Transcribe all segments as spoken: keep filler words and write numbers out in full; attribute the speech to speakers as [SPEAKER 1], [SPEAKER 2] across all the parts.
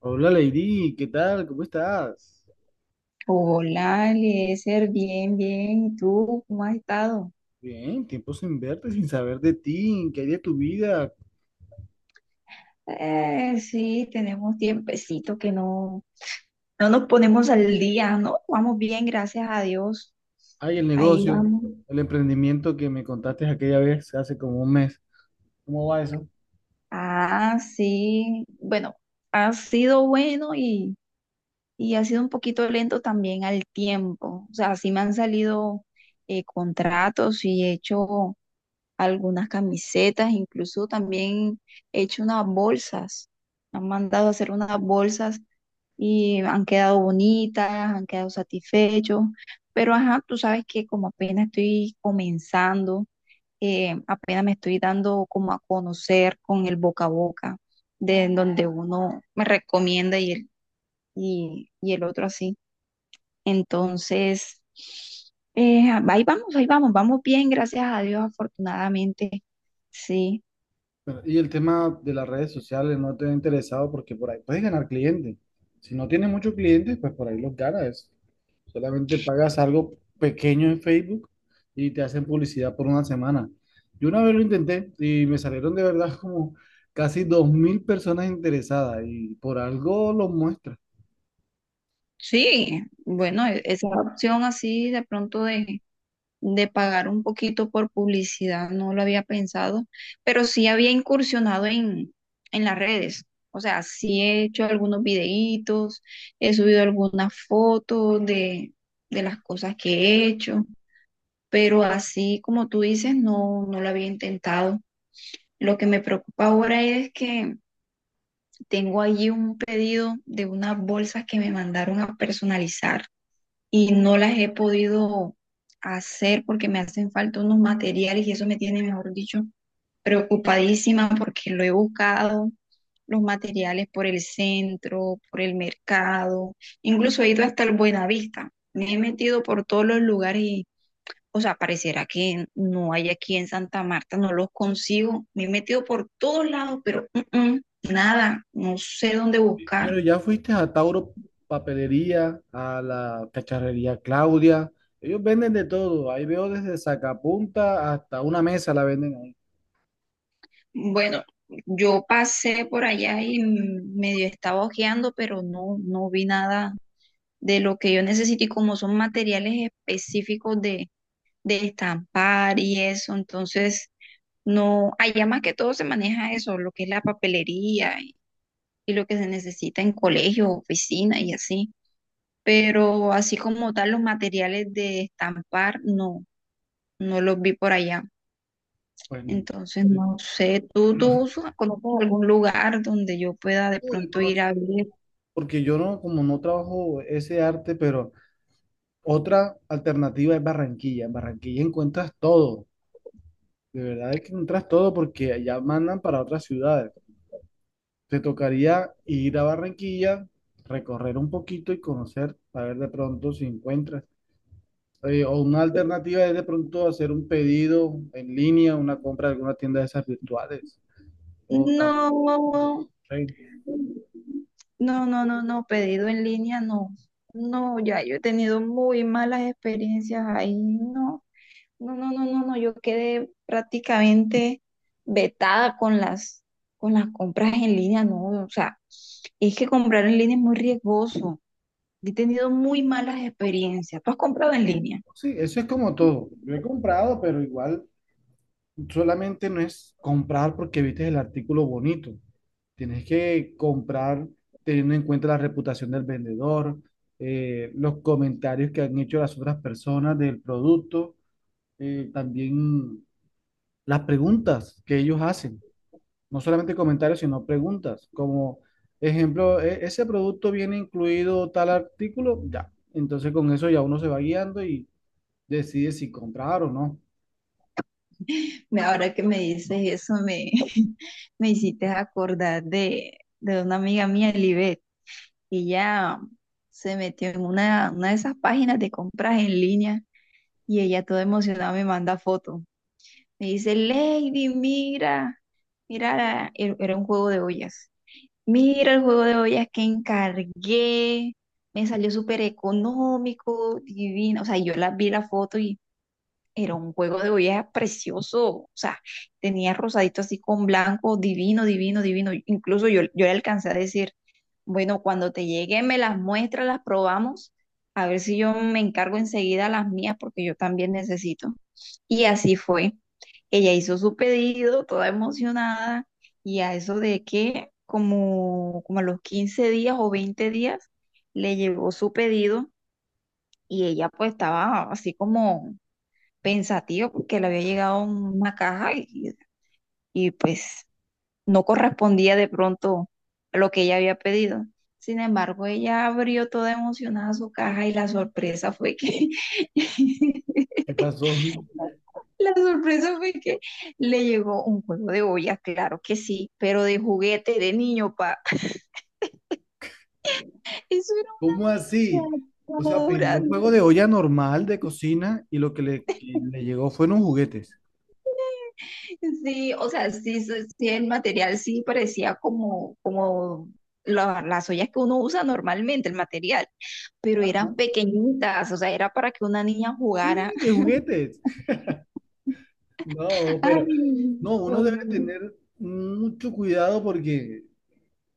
[SPEAKER 1] Hola Lady, ¿qué tal? ¿Cómo estás?
[SPEAKER 2] Hola, Eliezer, bien, bien. ¿Y tú cómo has estado?
[SPEAKER 1] Bien, tiempo sin verte, sin saber de ti, ¿qué hay de tu vida?
[SPEAKER 2] Eh, sí, tenemos tiempecito que no, no nos ponemos al día, ¿no? Vamos bien, gracias a Dios.
[SPEAKER 1] Hay el
[SPEAKER 2] Ahí
[SPEAKER 1] negocio,
[SPEAKER 2] vamos.
[SPEAKER 1] el emprendimiento que me contaste aquella vez, hace como un mes. ¿Cómo va eso?
[SPEAKER 2] Ah, sí. Bueno, ha sido bueno y, y ha sido un poquito lento también al tiempo. O sea, sí me han salido eh, contratos y he hecho algunas camisetas, incluso también he hecho unas bolsas. Han mandado a hacer unas bolsas y han quedado bonitas, han quedado satisfechos. Pero ajá, tú sabes que como apenas estoy comenzando, eh, apenas me estoy dando como a conocer con el boca a boca, de en donde uno me recomienda y el, y, y el otro así. Entonces, eh, ahí vamos, ahí vamos, vamos bien, gracias a Dios, afortunadamente. Sí,
[SPEAKER 1] Pero- y el tema de las redes sociales no te ha interesado porque por ahí puedes ganar clientes. Si no tienes muchos clientes, pues por ahí los ganas. Solamente pagas algo pequeño en Facebook y te hacen publicidad por una semana. Yo una vez lo intenté y me salieron de verdad como casi dos mil personas interesadas y por algo los muestra.
[SPEAKER 2] sí, bueno, e- esa opción así de pronto de, de pagar un poquito por publicidad no lo había pensado, pero sí había incursionado en, en las redes. O sea, sí he hecho algunos videitos, he subido algunas fotos de, de las cosas que he hecho, pero así como tú dices, no, no lo había intentado. Lo que me preocupa ahora es que tengo allí un pedido de unas bolsas que me mandaron a personalizar y no las he podido hacer porque me hacen falta unos materiales y eso me tiene, mejor dicho, preocupadísima porque lo he buscado, los materiales por el centro, por el mercado, incluso he ido hasta el Buenavista, me he metido por todos los lugares y, o sea, pareciera que no hay aquí en Santa Marta, no los consigo, me he metido por todos lados, pero mm, mm, nada, no sé dónde buscar.
[SPEAKER 1] Pero ya fuiste a Tauro Papelería, a la cacharrería Claudia. Ellos venden de todo. Ahí veo desde sacapunta hasta una mesa la venden ahí.
[SPEAKER 2] Bueno, yo pasé por allá y medio estaba hojeando, pero no, no vi nada de lo que yo necesito. Y como son materiales específicos de, de estampar y eso, entonces no, allá más que todo se maneja eso, lo que es la papelería y, y lo que se necesita en colegio, oficina y así. Pero así como tal, los materiales de estampar, no, no los vi por allá.
[SPEAKER 1] Pues no,
[SPEAKER 2] Entonces, no sé, ¿tú,
[SPEAKER 1] no,
[SPEAKER 2] tú usas- conoces algún lugar donde yo pueda de
[SPEAKER 1] no de
[SPEAKER 2] pronto ir
[SPEAKER 1] conocer,
[SPEAKER 2] a ver?
[SPEAKER 1] porque yo no, como no trabajo ese arte, pero otra alternativa es Barranquilla. En Barranquilla encuentras todo. De verdad es que encuentras todo porque allá mandan para otras ciudades. Te tocaría ir a Barranquilla, recorrer un poquito y conocer, a ver de pronto si encuentras. Eh, o una alternativa es de pronto hacer un pedido en línea, una compra de alguna tienda de esas virtuales. O tam-
[SPEAKER 2] No, no, no, no, no, pedido en línea no. No, ya yo he tenido muy malas experiencias ahí. No, no, no, no, no, no. Yo quedé prácticamente vetada con las, con las compras en línea, no. O sea, es que comprar en línea es muy riesgoso. He tenido muy malas experiencias. ¿Tú has comprado en línea?
[SPEAKER 1] sí, eso es como todo. Yo he comprado, pero igual. Solamente no es comprar porque viste el artículo bonito. Tienes que comprar teniendo en cuenta la reputación del vendedor, eh, los comentarios que han hecho las otras personas del producto, eh, también las preguntas que ellos hacen. No solamente comentarios, sino preguntas. Como ejemplo, "E- ese producto viene incluido tal artículo", ya. Entonces con eso ya uno se va guiando y decide si comprar o no.
[SPEAKER 2] Me- Ahora que me dices eso, me, me hiciste acordar de, de una amiga mía, Libet, y ella se metió en una, una de esas páginas de compras en línea y ella toda emocionada me manda fotos. Me dice, Lady, mira, mira, la-". Er- era un juego de ollas. Mira el juego de ollas que encargué, me salió súper económico, divino. O sea, yo la vi la foto era un juego de ollas precioso, o sea, tenía rosadito así con blanco, divino, divino, divino. Incluso yo, yo le alcancé a decir, bueno, cuando te llegue me las muestras, las probamos, a ver si yo me encargo enseguida las mías porque yo también necesito. Y así fue. Ella hizo su pedido, toda emocionada, y a eso de que como, como a los quince días o veinte días le llegó su pedido y ella pues estaba así como pensativo porque le había llegado una caja y, y, pues no correspondía de pronto a lo que ella había pedido. Sin embargo, ella abrió toda emocionada su caja y la sorpresa fue que
[SPEAKER 1] ¿Qué pasó?
[SPEAKER 2] la sorpresa fue que le llegó un juego de ollas, claro que sí, pero de juguete de niño, pa. Eso
[SPEAKER 1] ¿Cómo
[SPEAKER 2] era
[SPEAKER 1] así?
[SPEAKER 2] una
[SPEAKER 1] O sea, pidió
[SPEAKER 2] locura.
[SPEAKER 1] un juego de olla normal de cocina y lo que le, que le llegó fueron juguetes.
[SPEAKER 2] Sí, o sea, sí, sí, sí, el material sí parecía como, como la- las ollas que uno usa normalmente, el material, pero
[SPEAKER 1] Ajá,
[SPEAKER 2] eran pequeñitas, o sea, era para que una niña jugara.
[SPEAKER 1] sí, de juguetes. No, pero
[SPEAKER 2] Ay,
[SPEAKER 1] no,
[SPEAKER 2] no,
[SPEAKER 1] uno debe
[SPEAKER 2] no.
[SPEAKER 1] tener mucho cuidado porque,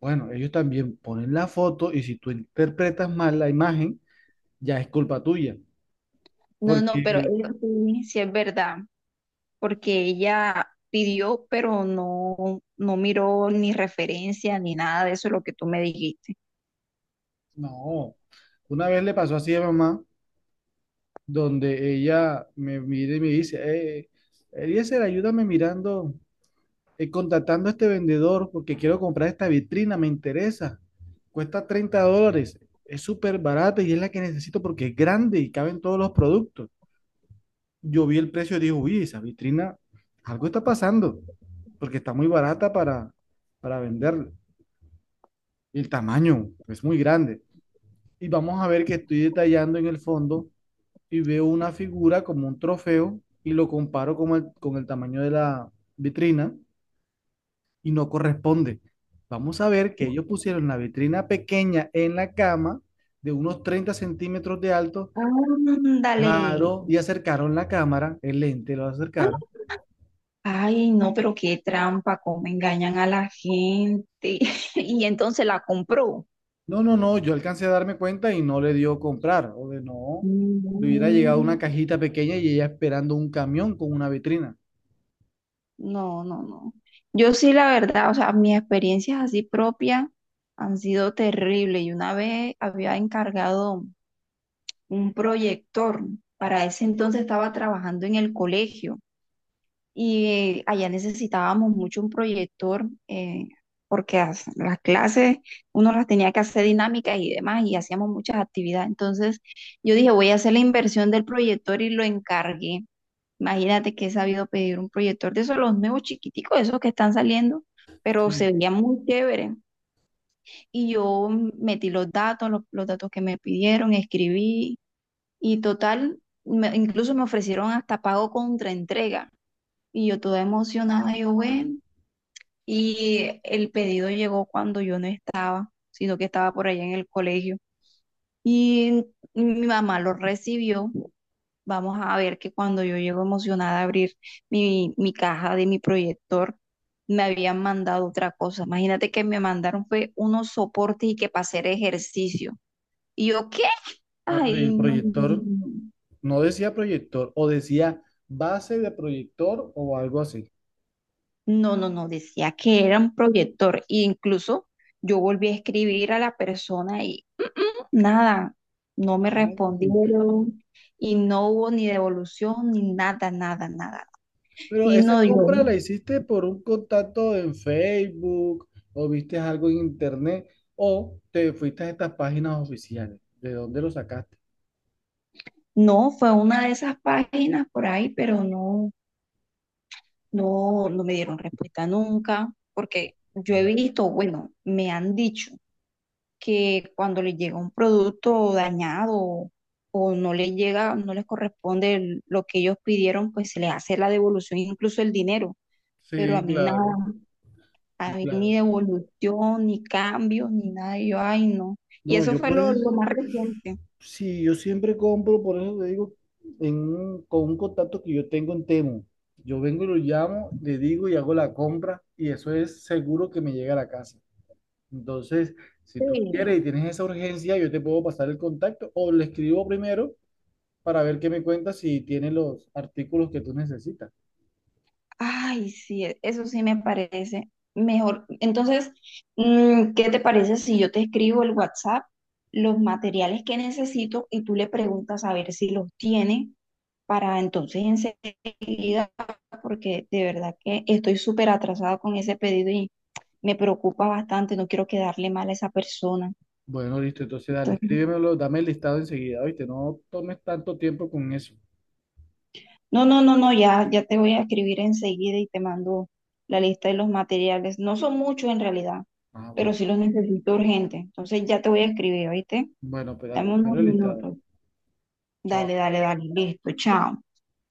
[SPEAKER 1] bueno, ellos también ponen la foto y si tú interpretas mal la imagen, ya es culpa tuya.
[SPEAKER 2] No, no, pero
[SPEAKER 1] Porque,
[SPEAKER 2] ella sí, sí es verdad, porque ella pidió, pero no, no miró ni referencia ni nada de eso, lo que tú me dijiste.
[SPEAKER 1] no, una vez le pasó así a mamá, donde ella me mira y me dice, eh, Eliezer, ayúdame mirando eh, contactando a este vendedor porque quiero comprar esta vitrina, me interesa. Cuesta treinta dólares, es súper barata y es la que necesito porque es grande y caben todos los productos. Yo vi el precio y dije, uy, esa vitrina, algo está pasando porque está muy barata para, para venderla. Y el tamaño es muy grande. Y vamos a ver que estoy detallando en el fondo y veo una figura como un trofeo y lo comparo con el, con el tamaño de la vitrina y no corresponde. Vamos a ver que ellos pusieron la vitrina pequeña en la cama de unos treinta centímetros de alto,
[SPEAKER 2] Ándale.
[SPEAKER 1] claro, y acercaron la cámara, el lente lo acercaron.
[SPEAKER 2] Ay, no, pero qué trampa, cómo engañan a la gente. Y entonces la compró.
[SPEAKER 1] No, no, no, yo alcancé a darme cuenta y no le dio comprar, o de no, le hubiera llegado
[SPEAKER 2] Mm,
[SPEAKER 1] una cajita pequeña y ella esperando un camión con una vitrina.
[SPEAKER 2] no, no, no. Yo sí, la verdad, o sea, mis experiencias así propias han sido terribles. Y una vez había encargado un proyector. Para ese entonces estaba trabajando en el colegio. Y allá necesitábamos mucho un proyector eh, porque as- las clases uno las tenía que hacer dinámicas y demás y hacíamos muchas actividades. Entonces yo dije, voy a hacer la inversión del proyector y lo encargué. Imagínate que he sabido pedir un proyector de esos, los nuevos chiquiticos, esos que están saliendo, pero
[SPEAKER 1] Sí,
[SPEAKER 2] se veía muy chévere. Y yo metí los datos, los, los datos que me pidieron, escribí y total, me- incluso me ofrecieron hasta pago contra entrega y yo toda emocionada, yo, bueno, y el pedido llegó cuando yo no estaba, sino que estaba por allá en el colegio. Y mi mamá lo recibió. Vamos a ver que cuando yo llego emocionada a abrir mi, mi caja de mi proyector, me habían mandado otra cosa. Imagínate que me mandaron fue unos soportes y que para hacer ejercicio. Y yo, ¿qué?
[SPEAKER 1] ah, pero
[SPEAKER 2] Ay,
[SPEAKER 1] el
[SPEAKER 2] no. No,
[SPEAKER 1] proyector,
[SPEAKER 2] no, no.
[SPEAKER 1] no decía proyector, o decía base de proyector o algo así.
[SPEAKER 2] No, no, no, decía que era un proyector. E incluso yo volví a escribir a la persona y "Mm, mm", nada, no me
[SPEAKER 1] Ay,
[SPEAKER 2] respondieron y no hubo ni devolución ni nada, nada, nada.
[SPEAKER 1] pero
[SPEAKER 2] Y
[SPEAKER 1] esa
[SPEAKER 2] no, yo,
[SPEAKER 1] compra la hiciste por un contacto en Facebook o viste algo en internet o te fuiste a estas páginas oficiales. ¿De dónde lo sacaste?
[SPEAKER 2] no, fue una de esas páginas por ahí, pero no, no, no me dieron respuesta nunca, porque yo he visto, bueno, me han dicho que cuando les llega un producto dañado o no les llega, no les corresponde el- lo que ellos pidieron, pues se les hace la devolución, incluso el dinero. Pero a
[SPEAKER 1] Sí,
[SPEAKER 2] mí nada,
[SPEAKER 1] claro,
[SPEAKER 2] a
[SPEAKER 1] sí,
[SPEAKER 2] mí
[SPEAKER 1] claro.
[SPEAKER 2] ni devolución, ni cambio, ni nada. Y yo, ay, no. Y
[SPEAKER 1] No,
[SPEAKER 2] eso
[SPEAKER 1] yo
[SPEAKER 2] fue
[SPEAKER 1] por
[SPEAKER 2] lo, lo
[SPEAKER 1] eso,
[SPEAKER 2] más reciente.
[SPEAKER 1] sí, yo siempre compro, por eso te digo, en un- con un contacto que yo tengo en Temu. Yo vengo y lo llamo, le digo y hago la compra y eso es seguro que me llega a la casa. Entonces, si tú
[SPEAKER 2] Sí.
[SPEAKER 1] quieres y tienes esa urgencia, yo te puedo pasar el contacto o le escribo primero para ver qué me cuentas si tiene los artículos que tú necesitas.
[SPEAKER 2] Ay, sí, e- eso sí me parece mejor. Entonces, mm, ¿qué te parece si yo te escribo el WhatsApp, los materiales que necesito y tú le preguntas a ver si los tiene para entonces enseguida, porque de verdad que estoy súper atrasada con ese pedido y me preocupa bastante, no quiero quedarle mal a esa persona.
[SPEAKER 1] Bueno, listo, entonces dale, escríbemelo, dame el listado enseguida, ¿oíste? No tomes tanto tiempo con eso.
[SPEAKER 2] No, no, no, no, ya, ya te voy a escribir enseguida y te mando la lista de los materiales. No son muchos en realidad,
[SPEAKER 1] Ah,
[SPEAKER 2] pero
[SPEAKER 1] bueno,
[SPEAKER 2] sí los necesito urgente. Entonces ya te voy a escribir, ¿oíste?
[SPEAKER 1] bueno, pues dale,
[SPEAKER 2] Dame unos
[SPEAKER 1] espero el listado.
[SPEAKER 2] minutos. Dale,
[SPEAKER 1] Chao.
[SPEAKER 2] dale, dale. Listo, chao.